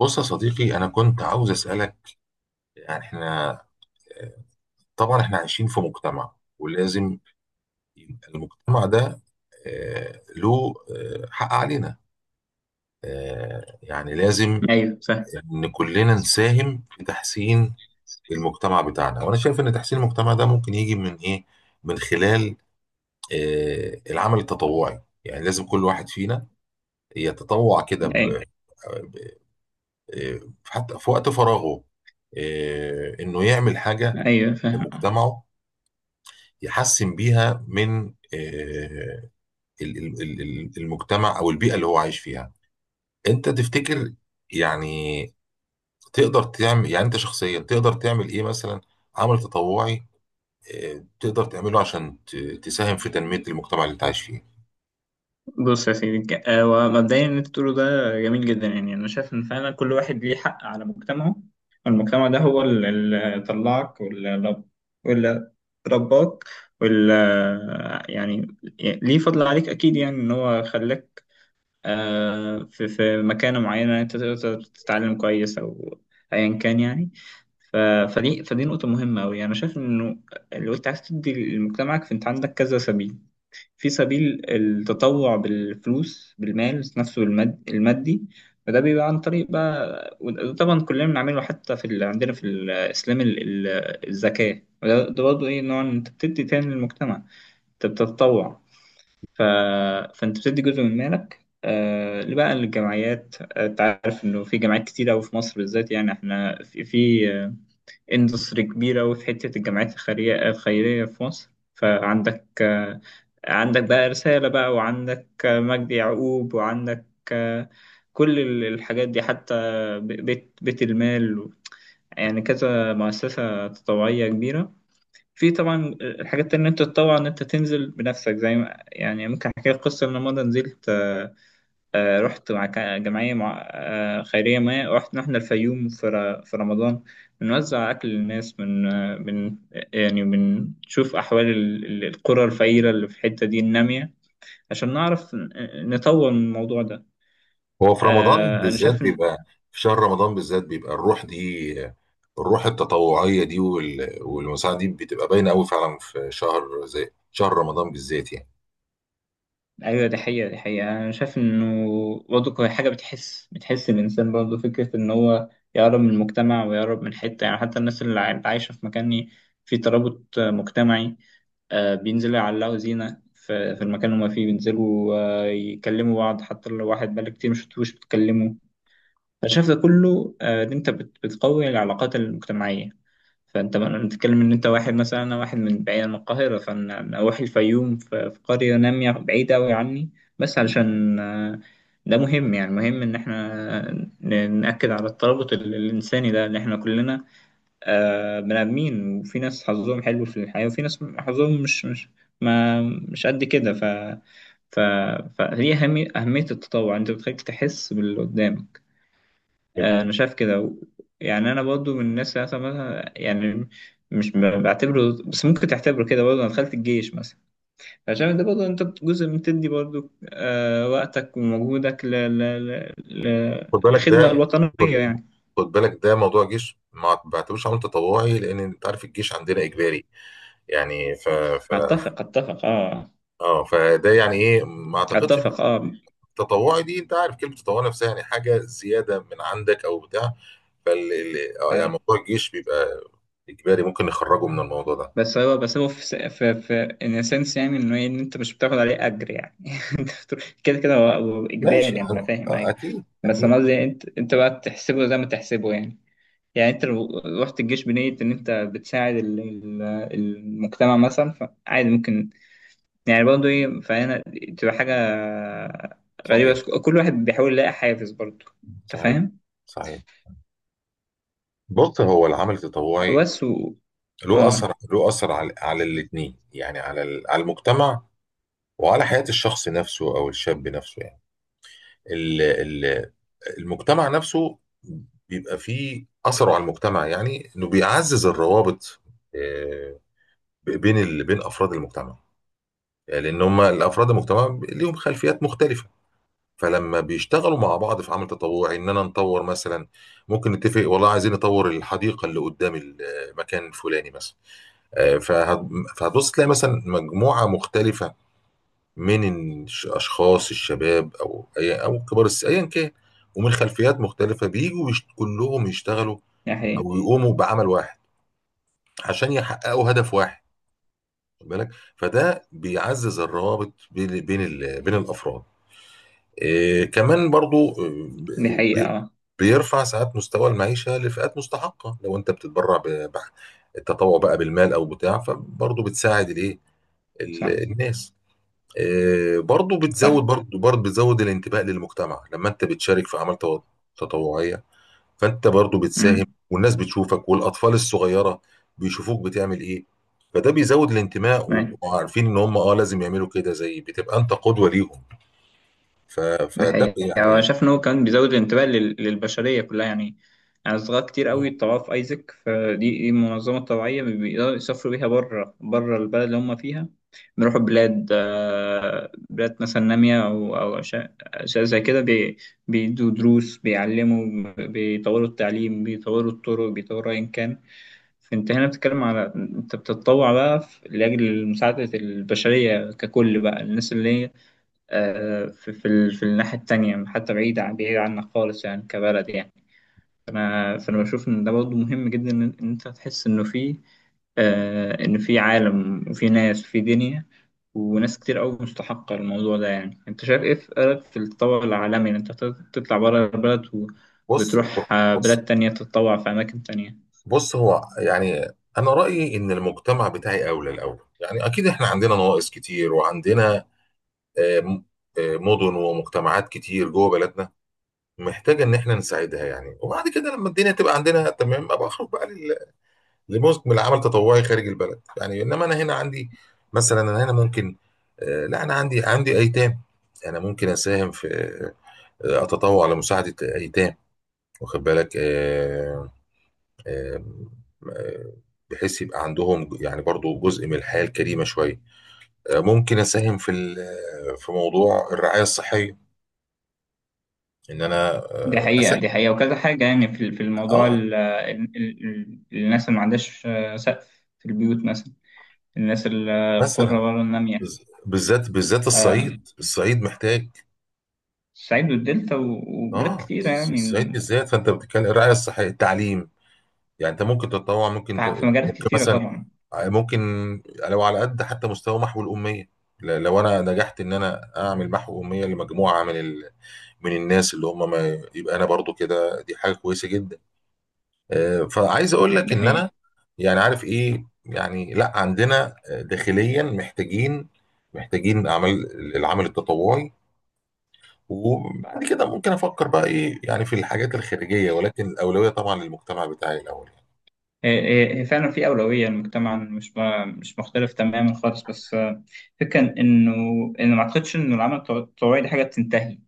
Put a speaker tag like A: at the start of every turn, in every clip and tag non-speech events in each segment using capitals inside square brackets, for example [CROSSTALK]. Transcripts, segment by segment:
A: بص يا صديقي، أنا كنت عاوز أسألك، يعني إحنا، آه، طبعا إحنا عايشين في مجتمع ولازم يبقى المجتمع ده، له حق علينا. يعني لازم
B: ايوه، فاهم.
A: إن كلنا نساهم في تحسين المجتمع بتاعنا. وأنا شايف إن تحسين المجتمع ده ممكن يجي من إيه؟ من خلال العمل التطوعي، يعني لازم كل واحد فينا يتطوع كده،
B: ايوه.
A: ب- آه، حتى في وقت فراغه، إنه يعمل حاجة
B: ايوه، فاهم.
A: لمجتمعه، يحسن بيها من آه، المجتمع او البيئه اللي هو عايش فيها. انت تفتكر، يعني تقدر تعمل، يعني انت شخصيا تقدر تعمل ايه مثلا؟ عمل تطوعي تقدر تعمله عشان تساهم في تنميه المجتمع اللي انت عايش فيه؟
B: بص يا سيدي، ومبدئيا اللي انت بتقوله ده جميل جدا. يعني انا شايف ان فعلا كل واحد ليه حق على مجتمعه، والمجتمع ده هو اللي طلعك واللي رباك واللي يعني ليه فضل عليك اكيد. يعني ان هو خلاك في مكانه معينه انت تقدر تتعلم كويس او ايا كان يعني. ف- فدي نقطه مهمه قوي. انا شايف انه لو انت عايز تدي لمجتمعك، فانت عندك كذا سبيل. في سبيل التطوع بالفلوس، بالمال نفسه، المادي. فده بيبقى عن طريق بقى، وده طبعا كلنا بنعمله، حتى عندنا في الإسلام الزكاة. وده برضه إيه؟ نوع إن أنت بتدي تاني للمجتمع، أنت بتتطوع. ف... فأنت بتدي جزء من مالك آه بقى للجمعيات. أنت عارف إنه في جمعيات كتير أوي في مصر بالذات. يعني إحنا في اندستري كبيرة أوي في حتة الجمعيات الخيرية في مصر. فعندك آه، عندك بقى رسالة بقى، وعندك مجدي يعقوب، وعندك آه، كل الحاجات دي. حتى بيت المال. يعني كذا مؤسسة تطوعية كبيرة. في طبعا الحاجات اللي انت تتطوع ان انت تنزل بنفسك. زي ما يعني، ممكن احكي لك قصة ان أنا مرة نزلت، رحت مع جمعية، مع خيرية. ما رحت رحنا الفيوم في في رمضان، بنوزع أكل للناس من آه، من يعني بنشوف أحوال القرى الفقيرة اللي في الحتة دي النامية، عشان نعرف نطور من الموضوع ده.
A: هو في رمضان
B: أنا
A: بالذات
B: شايف إن.
A: بيبقى، في شهر رمضان بالذات بيبقى الروح دي، الروح التطوعيه دي والمساعده دي بتبقى باينه قوي فعلا في شهر زي شهر رمضان بالذات يعني.
B: أيوة، دي حقيقة، دي حقيقة. أنا شايف إنه برضه هي حاجة بتحس الإنسان، برضه فكرة إن هو يقرب من المجتمع، ويقرب من حتة، يعني حتى الناس اللي عايشة في مكان فيه ترابط مجتمعي. بينزلوا يعلقوا زينة في المكان اللي هما فيه، بينزلوا يكلموا بعض، حتى لو واحد بقالك كتير مشفتوش بتكلموا. أنا شايف ده كله، إن أنت بتقوي العلاقات المجتمعية. فأنت بتتكلم إن أنت واحد، مثلا أنا واحد من بعيد عن القاهرة، فأنا أروح الفيوم في قرية نامية بعيدة أوي عني، بس علشان ده مهم. يعني مهم إن إحنا نأكد على الترابط الإنساني ده، اللي إحنا كلنا بني آدمين، وفي ناس حظهم حلو في الحياة، وفي ناس حظهم مش قد كده. ف ف فهي أهمية التطوع أنت بتخليك تحس باللي قدامك. أنا شايف كده يعني. أنا برضو من الناس اللي مثلا يعني مش بعتبره، بس ممكن تعتبره كده برضه. أنا دخلت الجيش مثلا، فعشان ده برضه أنت جزء بتدي برضه وقتك ومجهودك
A: خد بالك
B: للخدمة
A: ده
B: الوطنية يعني.
A: خد بالك ده موضوع جيش ما بعتبروش عمل تطوعي، لان انت عارف الجيش عندنا اجباري، يعني ف
B: أتفق، أتفق، أه.
A: اه فده يعني ايه، ما اعتقدش إن
B: أتفق، أه.
A: التطوعي دي، انت عارف كلمه تطوعي نفسها يعني حاجه زياده من عندك او بتاع. فال ال- آه، يعني موضوع الجيش بيبقى اجباري، ممكن نخرجه من الموضوع ده.
B: بس هو بس هو في س- في في ان سنس، يعني انه إيه، ان انت مش بتاخد عليه اجر يعني. [LAUGHS] كده هو اجباري،
A: ماشي،
B: يعني انا
A: اه،
B: فاهم، ايوه.
A: اكيد
B: بس
A: اكيد.
B: انا قصدي انت بقى تحسبه زي ما تحسبه. يعني يعني انت لو رحت الجيش بنية ان انت بتساعد المجتمع مثلا، فعادي، ممكن يعني برضه ايه. فهنا تبقى حاجة غريبة،
A: صحيح،
B: بس كل واحد بيحاول يلاقي حافز برضه. انت
A: صحيح،
B: فاهم؟
A: صحيح. بص، هو العمل التطوعي
B: بس
A: له
B: اه.
A: اثر له اثر على الاثنين، يعني على المجتمع، وعلى حياة الشخص نفسه أو الشاب نفسه، يعني ال- ال- المجتمع نفسه بيبقى فيه أثره على المجتمع، يعني إنه بيعزز الروابط، آه، بين أفراد المجتمع. يعني لأن هم الأفراد المجتمع ليهم خلفيات مختلفة، فلما بيشتغلوا مع بعض في عمل تطوعي إننا نطور مثلا، ممكن نتفق والله عايزين نطور الحديقة اللي قدام المكان الفلاني مثلا. آه، فهت- فهتبص تلاقي مثلا مجموعة مختلفة، من اشخاص الشباب او اي او كبار السن ايا كان، ومن خلفيات مختلفه بيجوا كلهم يشتغلوا
B: دي حقيقة،
A: او يقوموا بعمل واحد عشان يحققوا هدف واحد، خد بالك. فده بيعزز الروابط بين الافراد. إيه كمان برضو،
B: دي حقيقة.
A: بي-
B: اه،
A: بيرفع ساعات مستوى المعيشه لفئات مستحقه. لو انت بتتبرع التطوع بقى بالمال او بتاع، فبرضو بتساعد الايه،
B: صح.
A: الناس. برضو بتزود
B: صح.
A: برضو برضو بتزود الانتباه للمجتمع، لما انت بتشارك في اعمال تطوعيه، فانت برضو بتساهم،
B: امم.
A: والناس بتشوفك، والاطفال الصغيره بيشوفوك بتعمل ايه، فده بيزود الانتماء، وبيبقوا عارفين ان هم لازم يعملوا كده، زي بتبقى انت قدوه ليهم.
B: ده
A: فده
B: حقيقة. يعني أنا
A: يعني.
B: شايف إن هو كان بيزود الانتباه للبشرية كلها. يعني يعني صغار كتير قوي طلعوا في أيزك، دي منظمة طوعية بيقدروا يسافروا بيها بره البلد اللي هم فيها، بيروحوا بلاد، بلاد مثلا نامية، أو أشياء زي كده بيدوا دروس، بيعلموا، بيطوروا التعليم، بيطوروا الطرق، بيطوروا أيا كان. فأنت هنا بتتكلم على أنت بتتطوع بقى لأجل مساعدة البشرية ككل، بقى الناس اللي هي في الناحية التانية، حتى بعيد عنك خالص، يعني كبلد يعني. فأنا بشوف إن ده برضه مهم جدا، إن أنت تحس إنه في آه، إن في عالم، وفي ناس، وفي دنيا، وناس كتير أوي مستحقة الموضوع ده. يعني أنت شايف إيه في رأيك في التطور العالمي، إن أنت تطلع بره البلد
A: بص
B: وتروح
A: بص
B: بلاد تانية تتطوع في أماكن تانية؟
A: بص هو يعني، انا رايي ان المجتمع بتاعي اولى الاول، يعني اكيد احنا عندنا نواقص كتير، وعندنا آه، م- مدن ومجتمعات كتير جوه بلدنا، محتاجه ان احنا نساعدها يعني. وبعد كده لما الدنيا تبقى عندنا تمام، ابقى اخرج بقى لموسم العمل تطوعي خارج البلد، يعني. انما انا هنا عندي، مثلا انا هنا ممكن لا، انا عندي ايتام. انا ممكن اساهم في آه، اتطوع لمساعده ايتام، واخد بالك، آه، آه، بحيث يبقى عندهم يعني برضو جزء من الحياه الكريمه شويه. ممكن اساهم في موضوع الرعايه الصحيه، ان انا
B: دي حقيقة،
A: اساهم.
B: دي حقيقة، وكذا حاجة يعني في الموضوع.
A: اه،
B: الناس اللي ما عندهاش سقف في البيوت مثلا، الناس القرى
A: مثلا
B: ورا النامية،
A: بالذات، بالذات الصعيد،
B: آه،
A: الصعيد محتاج.
B: الصعيد والدلتا وبلاد
A: اه،
B: كتيرة يعني
A: الصعيد بالذات. فانت بتتكلم الرعايه الصحيه، التعليم، يعني انت ممكن تتطوع، ممكن
B: في مجالات
A: ممكن
B: كتيرة
A: مثلا
B: طبعا.
A: ممكن، لو على قد حتى مستوى محو الاميه، لو انا نجحت ان انا اعمل محو اميه لمجموعه من الناس اللي هم ما، يبقى انا برضو كده، دي حاجه كويسه جدا. فعايز اقول لك
B: ده
A: ان انا،
B: هي
A: يعني عارف ايه يعني، لا عندنا داخليا محتاجين اعمال، العمل التطوعي. وبعد كده ممكن افكر بقى ايه يعني في الحاجات الخارجيه، ولكن الاولويه طبعا للمجتمع بتاعي الاول يعني.
B: هي هي هي فعلا في أولوية المجتمع، مش مش مختلف تماما خالص، بس الفكرة إنه ما أعتقدش إنه العمل التطوعي دي حاجة بتنتهي.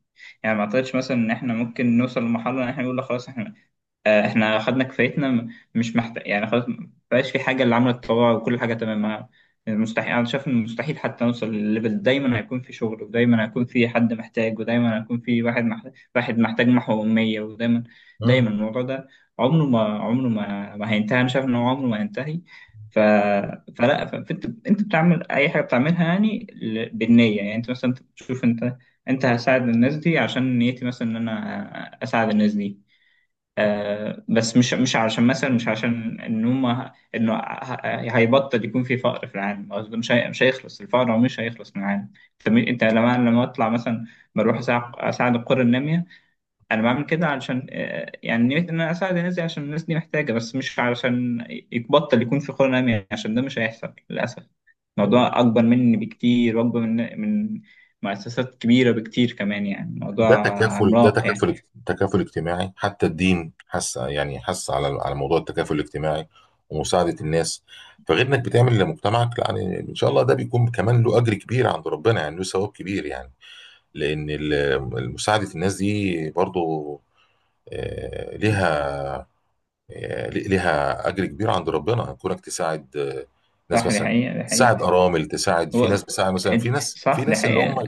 B: يعني ما أعتقدش مثلا إن إحنا ممكن نوصل لمرحلة إن إحنا نقول لا، خلاص إحنا احنا خدنا كفايتنا، مش محتاج يعني، خلاص مبقاش في حاجه اللي عامله تطوع وكل حاجه تمام. مستحيل. انا شايف ان مستحيل حتى نوصل للليفل. دايما هيكون في شغل، ودايما هيكون في حد محتاج، ودايما هيكون في واحد محتاج محو اميه. ودايما
A: مم.
B: الموضوع ده عمره ما هينتهي. انا شايف ان هو عمره ما هينتهي. ف... فانت بتعمل اي حاجه بتعملها يعني بالنيه. يعني انت مثلا تشوف انت هساعد الناس دي عشان نيتي مثلا ان انا اساعد الناس دي،
A: مم.
B: بس مش عشان مثلا، مش عشان ان هم انه هيبطل يكون في فقر في العالم. قصدي مش، مش هيخلص الفقر، هو مش هيخلص من العالم. انت أنت لما اطلع مثلا بروح أساعد القرى الناميه. انا بعمل كده علشان يعني نية ان انا اساعد الناس دي عشان الناس دي محتاجه، بس مش علشان يبطل يكون في قرى ناميه، عشان ده مش هيحصل للاسف.
A: حلو.
B: الموضوع اكبر مني بكتير، واكبر من مؤسسات كبيره بكتير كمان يعني.
A: ده
B: الموضوع
A: تكافل ده
B: عملاق يعني.
A: تكافل تكافل اجتماعي، حتى الدين حس، يعني حس على موضوع التكافل الاجتماعي ومساعده الناس. فغير انك بتعمل لمجتمعك، لا يعني ان شاء الله ده بيكون كمان له اجر كبير عند ربنا، يعني له ثواب كبير يعني، لان مساعده الناس دي برضو آه، ليها ليها اجر كبير عند ربنا، كونك تساعد ناس
B: صح، دي
A: مثلا،
B: حقيقه، دي
A: تساعد
B: حقيقه.
A: ارامل، تساعد في ناس،
B: هو
A: بتساعد مثلا في ناس في
B: صح، ده
A: ناس اللي هم،
B: حقيقة.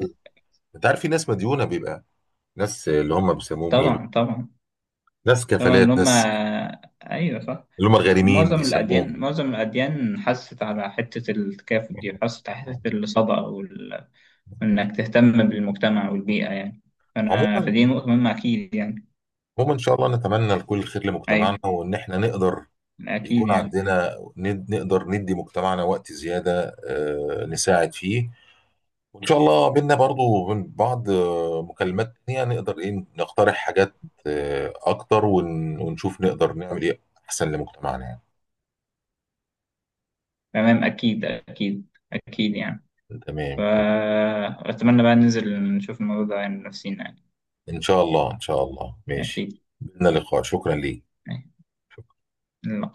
A: انت عارف، في ناس مديونه، بيبقى ناس اللي هم بيسموهم ايه؟
B: طبعا، طبعا،
A: ناس
B: طبعا
A: كفالات،
B: اللي هم،
A: ناس
B: أيوة صح.
A: اللي هم الغارمين بيسموهم.
B: معظم الأديان حست على حتة التكافؤ دي، حست على حتة الصدقة وإنك تهتم بالمجتمع والبيئة يعني. فدي
A: عموما
B: نقطة مهمة أكيد يعني.
A: عموما ان شاء الله نتمنى لكل خير لمجتمعنا،
B: أيوة،
A: وان احنا نقدر
B: أكيد
A: يكون
B: يعني.
A: عندنا، نقدر ندي مجتمعنا وقت زياده، نساعد فيه. وإن شاء الله بينا برضو من بعض مكالمات تانية، نقدر إيه نقترح حاجات أكتر، ونشوف نقدر نعمل إيه أحسن لمجتمعنا يعني.
B: تمام، أكيد، أكيد. أكيد يعني.
A: تمام، تمام.
B: فأتمنى بقى ننزل نشوف الموضوع ده يعني، نفسينا يعني.
A: إن شاء الله، إن شاء الله، ماشي.
B: أكيد.
A: بينا لقاء، شكرا ليك.
B: أيوة.